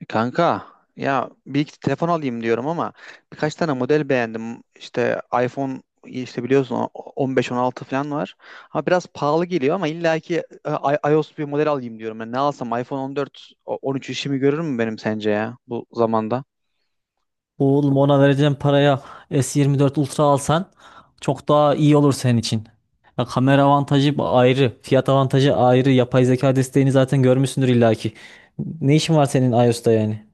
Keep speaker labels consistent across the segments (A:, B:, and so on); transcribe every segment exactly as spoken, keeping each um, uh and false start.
A: E, Kanka, ya bir iki telefon alayım diyorum ama birkaç tane model beğendim. İşte iPhone, işte biliyorsun, o- on beş, on altı falan var. Ama biraz pahalı geliyor, ama illaki e, i- iOS bir model alayım diyorum. Yani ne alsam, iPhone on dört o- on üç işimi görür mü benim sence ya bu zamanda?
B: Oğlum ona vereceğim paraya S yirmi dört Ultra alsan çok daha iyi olur senin için. Ya kamera avantajı ayrı, fiyat avantajı ayrı. Yapay zeka desteğini zaten görmüşsündür illaki. Ne işin var senin iOS'ta yani?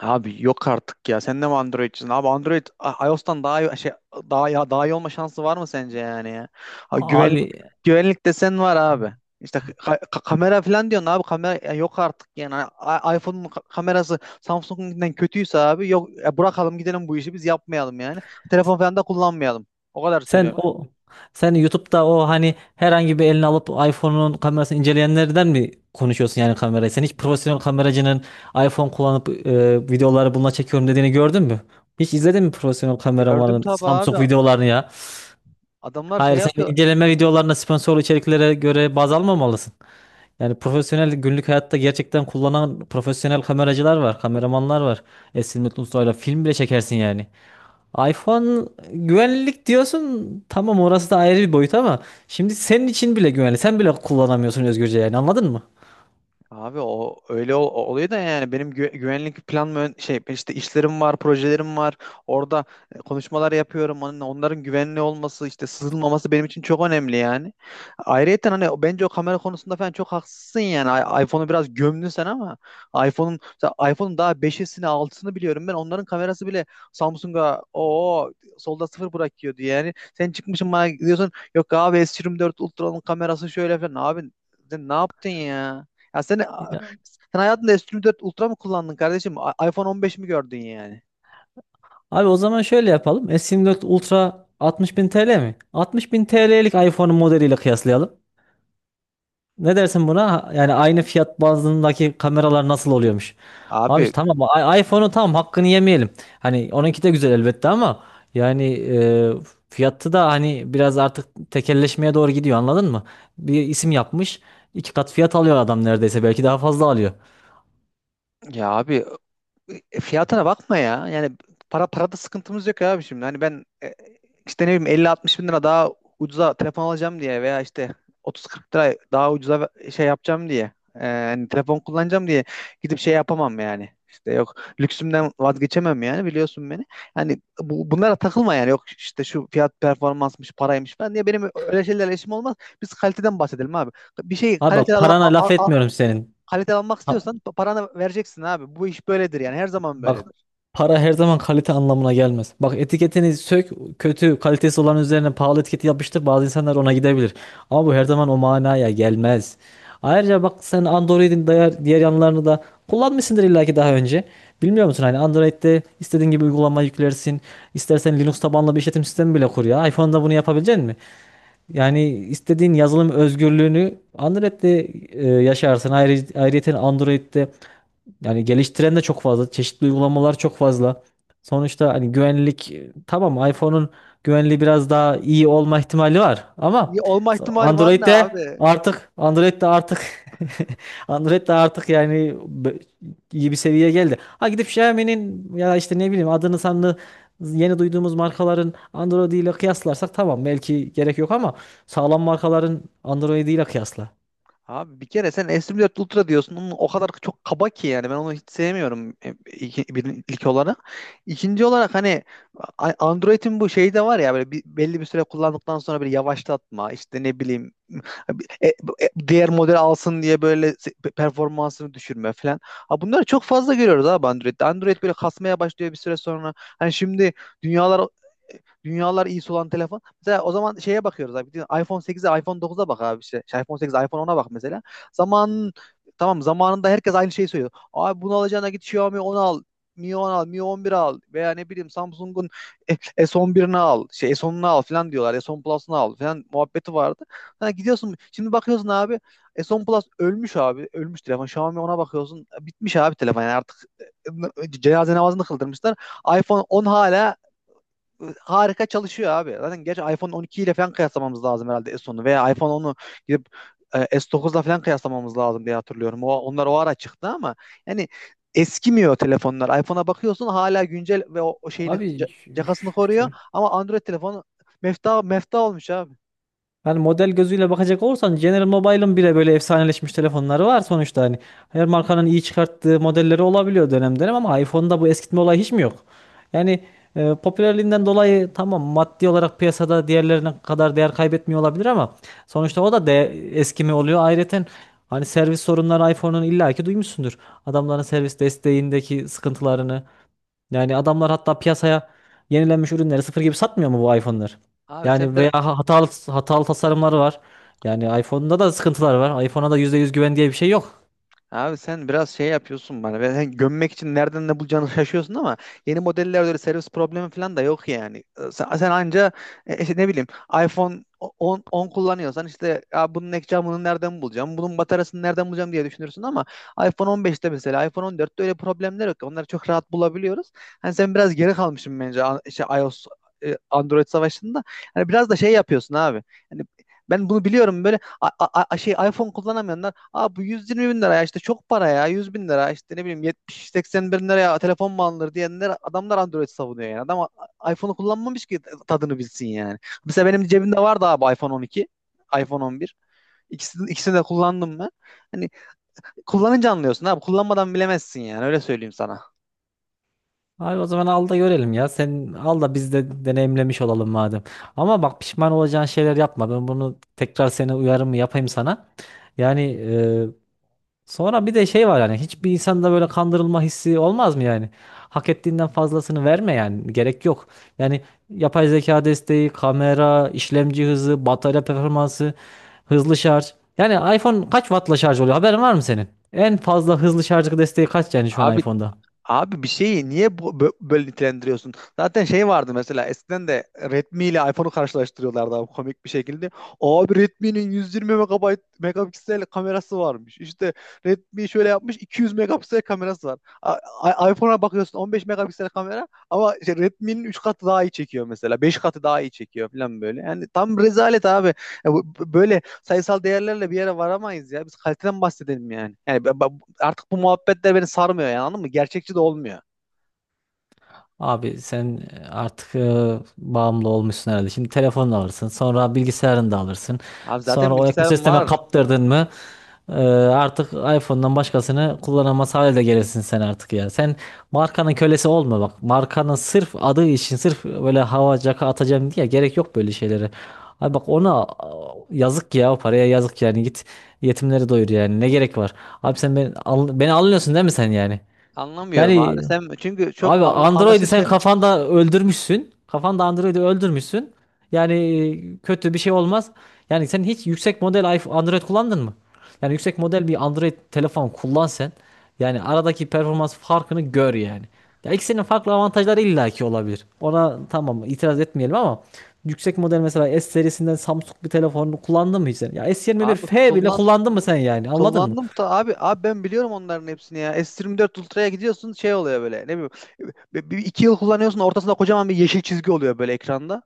A: Abi yok artık ya. Sen de mi Android'cisin? Abi Android I- iOS'tan daha iyi, şey daha, ya daha iyi olma şansı var mı sence yani ya? Abi,
B: Abi
A: güvenlik güvenlik desen var abi. İşte ka- ka- kamera falan diyorsun abi, kamera ya yok artık yani. I- iPhone'un ka- kamerası Samsung'dan kötüyse, abi yok ya, bırakalım gidelim, bu işi biz yapmayalım yani. Telefon falan da kullanmayalım. O kadar
B: sen
A: söylüyorum.
B: o sen YouTube'da o hani herhangi bir elini alıp iPhone'un kamerasını inceleyenlerden mi konuşuyorsun yani kamerayı? Sen hiç profesyonel kameracının iPhone kullanıp e, videoları bununla çekiyorum dediğini gördün mü? Hiç izledin mi profesyonel
A: Gördüm
B: kameramanın
A: tabii abi.
B: Samsung videolarını ya?
A: Adamlar şey
B: Hayır, sen
A: yapıyor.
B: inceleme videolarına sponsorlu içeriklere göre baz almamalısın. Yani profesyonel günlük hayatta gerçekten kullanan profesyonel kameracılar var, kameramanlar var. Esin Mutlu Usta'yla film bile çekersin yani. iPhone güvenlik diyorsun. Tamam orası da ayrı bir boyut ama şimdi senin için bile güvenli. Sen bile kullanamıyorsun özgürce yani anladın mı?
A: Abi o öyle ol- oluyor da, yani benim gü- güvenlik plan mı ön- şey işte, işlerim var, projelerim var. Orada e, konuşmalar yapıyorum. Onun- Onların güvenli olması, işte sızılmaması benim için çok önemli yani. Ayrıyeten hani, o- bence o kamera konusunda falan çok haksızsın yani. I- iPhone'u biraz gömdün sen, ama iPhone'un mesela iPhone'un daha beşisini altısını biliyorum ben. Onların kamerası bile Samsung'a o solda sıfır bırakıyordu yani. Sen çıkmışsın bana diyorsun, yok abi S yirmi dört Ultra'nın kamerası şöyle falan. Abi sen ne yaptın ya? Ya sen,
B: Ya,
A: sen hayatında S yirmi dört Ultra mı kullandın kardeşim? I- iPhone on beş mi gördün yani?
B: abi o zaman şöyle yapalım. S yirmi dört Ultra altmış bin T L mi? altmış bin T L'lik iPhone'un modeliyle kıyaslayalım. Ne dersin buna? Yani aynı fiyat bandındaki kameralar nasıl oluyormuş? Abi
A: Abi
B: işte tamam i- iPhone'un tamam hakkını yemeyelim. Hani onunki de güzel elbette ama yani e, fiyatı da hani biraz artık tekelleşmeye doğru gidiyor anladın mı? Bir isim yapmış iki kat fiyat alıyor adam neredeyse belki daha fazla alıyor.
A: ya abi, E, fiyatına bakma ya. Yani, para parada sıkıntımız yok abi şimdi. Hani ben, e, işte ne bileyim, elli altmış bin lira daha ucuza telefon alacağım diye, veya işte otuz kırk lira daha ucuza ve- şey yapacağım diye. E, hani telefon kullanacağım diye gidip şey yapamam yani. İşte yok, lüksümden vazgeçemem yani, biliyorsun beni. Hani bu, bunlara takılma yani. Yok işte, şu fiyat performansmış, paraymış falan diye benim öyle şeylerle işim olmaz. Biz kaliteden bahsedelim abi. Bir şeyi
B: Abi bak
A: kaliteli al,
B: parana laf etmiyorum senin.
A: kalite almak
B: Ha,
A: istiyorsan pa- paranı vereceksin abi. Bu iş böyledir yani, her zaman
B: bak
A: böyledir.
B: para her zaman kalite anlamına gelmez. Bak etiketini sök, kötü kalitesi olan üzerine pahalı etiketi yapıştır. Bazı insanlar ona gidebilir. Ama bu her zaman o manaya gelmez. Ayrıca bak sen Android'in diğer, diğer yanlarını da kullanmışsındır illaki daha önce. Bilmiyor musun hani Android'de istediğin gibi uygulama yüklersin. İstersen Linux tabanlı bir işletim sistemi bile kur ya. iPhone'da bunu yapabilecek misin? Yani istediğin yazılım özgürlüğünü Android'de e, yaşarsın. Ayrı, ayrıyeten Android'de yani geliştiren de çok fazla. Çeşitli uygulamalar çok fazla. Sonuçta hani güvenlik e, tamam iPhone'un güvenliği biraz daha iyi olma ihtimali var ama
A: Ya, olma ihtimali var
B: Android
A: ne
B: de
A: abi?
B: artık Android de artık Android de artık yani be- iyi bir seviyeye geldi. Ha gidip Xiaomi'nin ya işte ne bileyim adını sanını yeni duyduğumuz markaların Android ile kıyaslarsak tamam belki gerek yok ama sağlam markaların Android ile kıyasla.
A: Abi bir kere sen S dört Ultra diyorsun. Onun o kadar çok kaba ki yani. Ben onu hiç sevmiyorum, e, iki- bir, ilk olarak. İkinci olarak hani, a- Android'in bu şeyi de var ya, böyle bir, belli bir süre kullandıktan sonra bir yavaşlatma, işte ne bileyim, e, e, diğer model alsın diye böyle se- performansını düşürme falan. Ha, bunları çok fazla görüyoruz abi Android'de. Android böyle kasmaya başlıyor bir süre sonra. Hani şimdi dünyalar e, dünyalar iyi olan. Mesela o zaman şeye bakıyoruz abi. iPhone sekize, iPhone dokuza bak abi işte. Şey, iPhone sekize, iPhone ona bak mesela. Zamanın tamam Zamanında herkes aynı şeyi söylüyor. Abi bunu alacağına git Xiaomi on al. Mi on al, Mi on bir al, veya ne bileyim Samsung'un e- S on birini al, şey S onunu al falan diyorlar. S on Plus'unu al falan muhabbeti vardı. Ha, gidiyorsun şimdi bakıyorsun abi, S on Plus ölmüş abi. Ölmüş telefon. Xiaomi, ona bakıyorsun. Bitmiş abi telefon yani artık, e, e, cenaze namazını kıldırmışlar. iPhone on hala e, harika çalışıyor abi. Zaten gerçi iPhone on iki ile falan kıyaslamamız lazım herhalde, s onu veya iPhone onu gidip e, S dokuzla falan kıyaslamamız lazım diye hatırlıyorum. O, onlar o ara çıktı, ama yani eskimiyor telefonlar. iPhone'a bakıyorsun hala güncel, ve o, o şeyini
B: Abi
A: ca-
B: şu,
A: cakasını koruyor, ama Android telefonu mefta mefta olmuş abi.
B: Hani model gözüyle bakacak olursan General Mobile'ın bile böyle efsaneleşmiş telefonları var sonuçta hani. Her markanın iyi çıkarttığı modelleri olabiliyor dönem dönem ama iPhone'da bu eskitme olayı hiç mi yok? Yani e, popülerliğinden dolayı tamam maddi olarak piyasada diğerlerine kadar değer kaybetmiyor olabilir ama sonuçta o da de eskimi oluyor. Ayrıca hani servis sorunları iPhone'un illaki duymuşsundur. Adamların servis desteğindeki sıkıntılarını yani adamlar hatta piyasaya yenilenmiş ürünleri sıfır gibi satmıyor mu bu iPhone'lar?
A: Abi sen
B: Yani
A: bir
B: veya ha- hatalı hatalı tasarımları var. Yani iPhone'da da sıkıntılar var. iPhone'a da yüzde yüz güven diye bir şey yok.
A: Abi sen biraz şey yapıyorsun bana. Ben sen gömmek için nereden ne bulacağını şaşıyorsun, ama yeni modellerde öyle servis problemi falan da yok yani. Ee, Sen, sen anca, e, işte ne bileyim, iPhone on, on kullanıyorsan, işte ya bunun ekranı, bunu nereden bulacağım? Bunun bataryasını nereden bulacağım diye düşünürsün, ama iPhone on beşte, mesela iPhone on dörtte öyle problemler yok. Onları çok rahat bulabiliyoruz. Hani sen biraz geri kalmışsın bence, a- işte iOS e, Android savaşında. Hani biraz da şey yapıyorsun abi. Hani ben bunu biliyorum, böyle a- a- a- şey iPhone kullanamayanlar. Abi bu yüz yirmi bin lira ya, işte çok para, ya yüz bin lira, işte ne bileyim yetmiş seksen bin liraya telefon mu alınır diyenler, adamlar Android savunuyor yani. Adam a- iPhone'u kullanmamış ki tadını bilsin yani. Mesela benim cebimde vardı abi, iPhone on iki, iPhone on bir. İkisini, ikisini de kullandım ben. Hani kullanınca anlıyorsun abi, kullanmadan bilemezsin yani, öyle söyleyeyim sana.
B: Abi o zaman al da görelim ya. Sen al da biz de deneyimlemiş olalım madem. Ama bak pişman olacağın şeyler yapma. Ben bunu tekrar seni uyarımı yapayım sana. Yani sonra bir de şey var yani hiçbir insanda böyle kandırılma hissi olmaz mı yani? Hak ettiğinden fazlasını verme yani gerek yok. Yani yapay zeka desteği, kamera, işlemci hızı, batarya performansı, hızlı şarj. Yani iPhone kaç wattla şarj oluyor? Haberin var mı senin? En fazla hızlı şarj desteği kaç yani şu an
A: Abi
B: iPhone'da?
A: Abi bir şeyi niye bu, bö- böyle nitelendiriyorsun? Zaten şey vardı, mesela eskiden de Redmi ile iPhone'u karşılaştırıyorlardı abi, komik bir şekilde. Abi Redmi'nin yüz yirmi megabayt megapiksel kamerası varmış. İşte Redmi şöyle yapmış, iki yüz megapiksel kamerası var. A- a- iPhone'a bakıyorsun on beş megapiksel kamera, ama işte Redmi'nin üç katı daha iyi çekiyor mesela. Beş katı daha iyi çekiyor falan böyle. Yani tam rezalet abi. Ya bu- bu- böyle sayısal değerlerle bir yere varamayız ya. Biz kaliteden bahsedelim yani. Yani ben- ben- artık bu muhabbetler beni sarmıyor yani, anladın mı? Gerçekçi de olmuyor.
B: Abi sen e, artık e, bağımlı olmuşsun herhalde. Şimdi telefonunu alırsın, sonra bilgisayarını da alırsın.
A: Abi
B: Sonra
A: zaten
B: o
A: bilgisayarım
B: ekosisteme
A: var.
B: kaptırdın mı e, artık iPhone'dan başkasını kullanamaz hale de gelirsin sen artık ya. Sen markanın kölesi olma bak. Markanın sırf adı için sırf böyle hava caka atacağım diye gerek yok böyle şeylere. Abi bak ona a, yazık ya o paraya yazık yani git yetimleri doyur yani ne gerek var. Abi sen beni, al- beni anlıyorsun değil mi sen yani?
A: Anlamıyorum abi.
B: Yani
A: Sen çünkü çok
B: abi
A: anla-
B: Android'i
A: anlaşılır
B: sen
A: şey.
B: kafanda öldürmüşsün. Kafanda Android'i öldürmüşsün. Yani e, kötü bir şey olmaz. Yani sen hiç yüksek model iPhone, Android kullandın mı? Yani yüksek model bir Android telefon kullan sen. Yani aradaki performans farkını gör yani. Ya ikisinin farklı avantajları illaki olabilir. Ona tamam itiraz etmeyelim ama yüksek model mesela S serisinden Samsung bir telefonu kullandın mı hiç sen? Ya S yirmi bir
A: Abi
B: F bile
A: kullan
B: kullandın mı sen yani? Anladın mı?
A: kullandım da, abi abi ben biliyorum onların hepsini ya. S yirmi dört Ultra'ya gidiyorsun, şey oluyor böyle. Ne bileyim, bir, bir- iki yıl kullanıyorsun, ortasında kocaman bir yeşil çizgi oluyor böyle ekranda.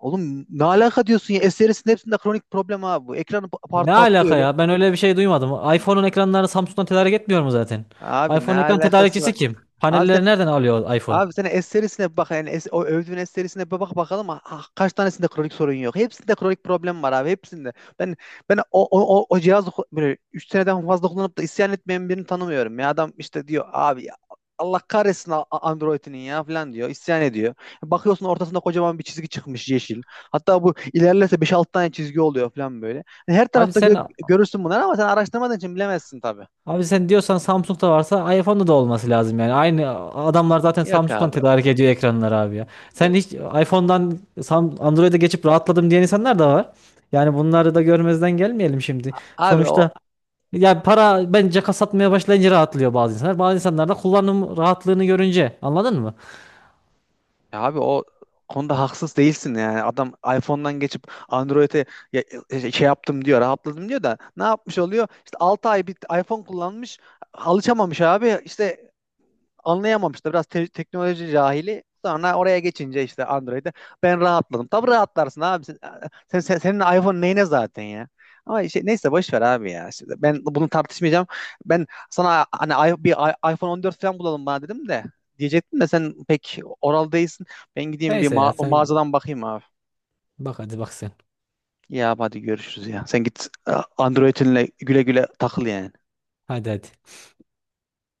A: Oğlum ne alaka diyorsun ya? S serisinin hepsinde kronik problem abi bu. Ekranı pa-
B: Ne
A: part patlıyor
B: alaka
A: öyle.
B: ya? Ben öyle bir şey duymadım. iPhone'un ekranlarını Samsung'dan tedarik etmiyor mu zaten?
A: Abi ne
B: iPhone ekran
A: alakası
B: tedarikçisi
A: var?
B: kim?
A: Abi sen
B: Panelleri nereden alıyor iPhone?
A: Abi sen es serisine bir bak yani, es- o övdüğün es serisine bir bak bakalım, ah, ah, kaç tanesinde kronik sorun yok. Hepsinde kronik problem var abi, hepsinde. Ben ben o o o, o cihazı ku- böyle üç seneden fazla kullanıp da isyan etmeyen birini tanımıyorum. Ya adam işte diyor, abi ya Allah kahretsin A- A- Android'inin ya falan diyor. İsyan ediyor. Bakıyorsun ortasında kocaman bir çizgi çıkmış, yeşil. Hatta bu ilerlerse beş altı tane çizgi oluyor falan böyle. Yani her
B: Abi
A: tarafta
B: sen
A: gö- görürsün bunları, ama sen araştırmadığın için bilemezsin tabii.
B: abi sen diyorsan Samsung'da varsa iPhone'da da olması lazım yani. Aynı adamlar zaten
A: Yok
B: Samsung'dan
A: abi.
B: tedarik ediyor ekranları abi ya. Sen hiç iPhone'dan Sam- Android'e geçip rahatladım diyen insanlar da var. Yani bunları da görmezden gelmeyelim şimdi.
A: Abi o
B: Sonuçta ya para bence kasatmaya başlayınca rahatlıyor bazı insanlar. Bazı insanlar da kullanım rahatlığını görünce anladın mı?
A: Ya abi, o konuda haksız değilsin yani. Adam iPhone'dan geçip Android'e, ya- e, şey yaptım diyor, rahatladım diyor, da ne yapmış oluyor? İşte altı ay bir iPhone kullanmış, alışamamış abi. İşte anlayamamıştı. Biraz te- teknoloji cahili. Sonra oraya geçince, işte Android'e, ben rahatladım. Tabii rahatlarsın abi. Sen, sen- sen- senin iPhone neyine zaten ya? Ama şey, neyse boş ver abi ya. Şimdi ben bunu tartışmayacağım. Ben sana hani, i- bir i- iPhone on dört falan bulalım bana dedim de diyecektim de, sen pek oral değilsin. Ben gideyim bir
B: Neyse ya
A: ma-
B: sen
A: mağazadan bakayım abi.
B: bak hadi bak sen.
A: Ya hadi görüşürüz ya. Sen git e, Android'inle güle güle takıl yani.
B: Hadi hadi.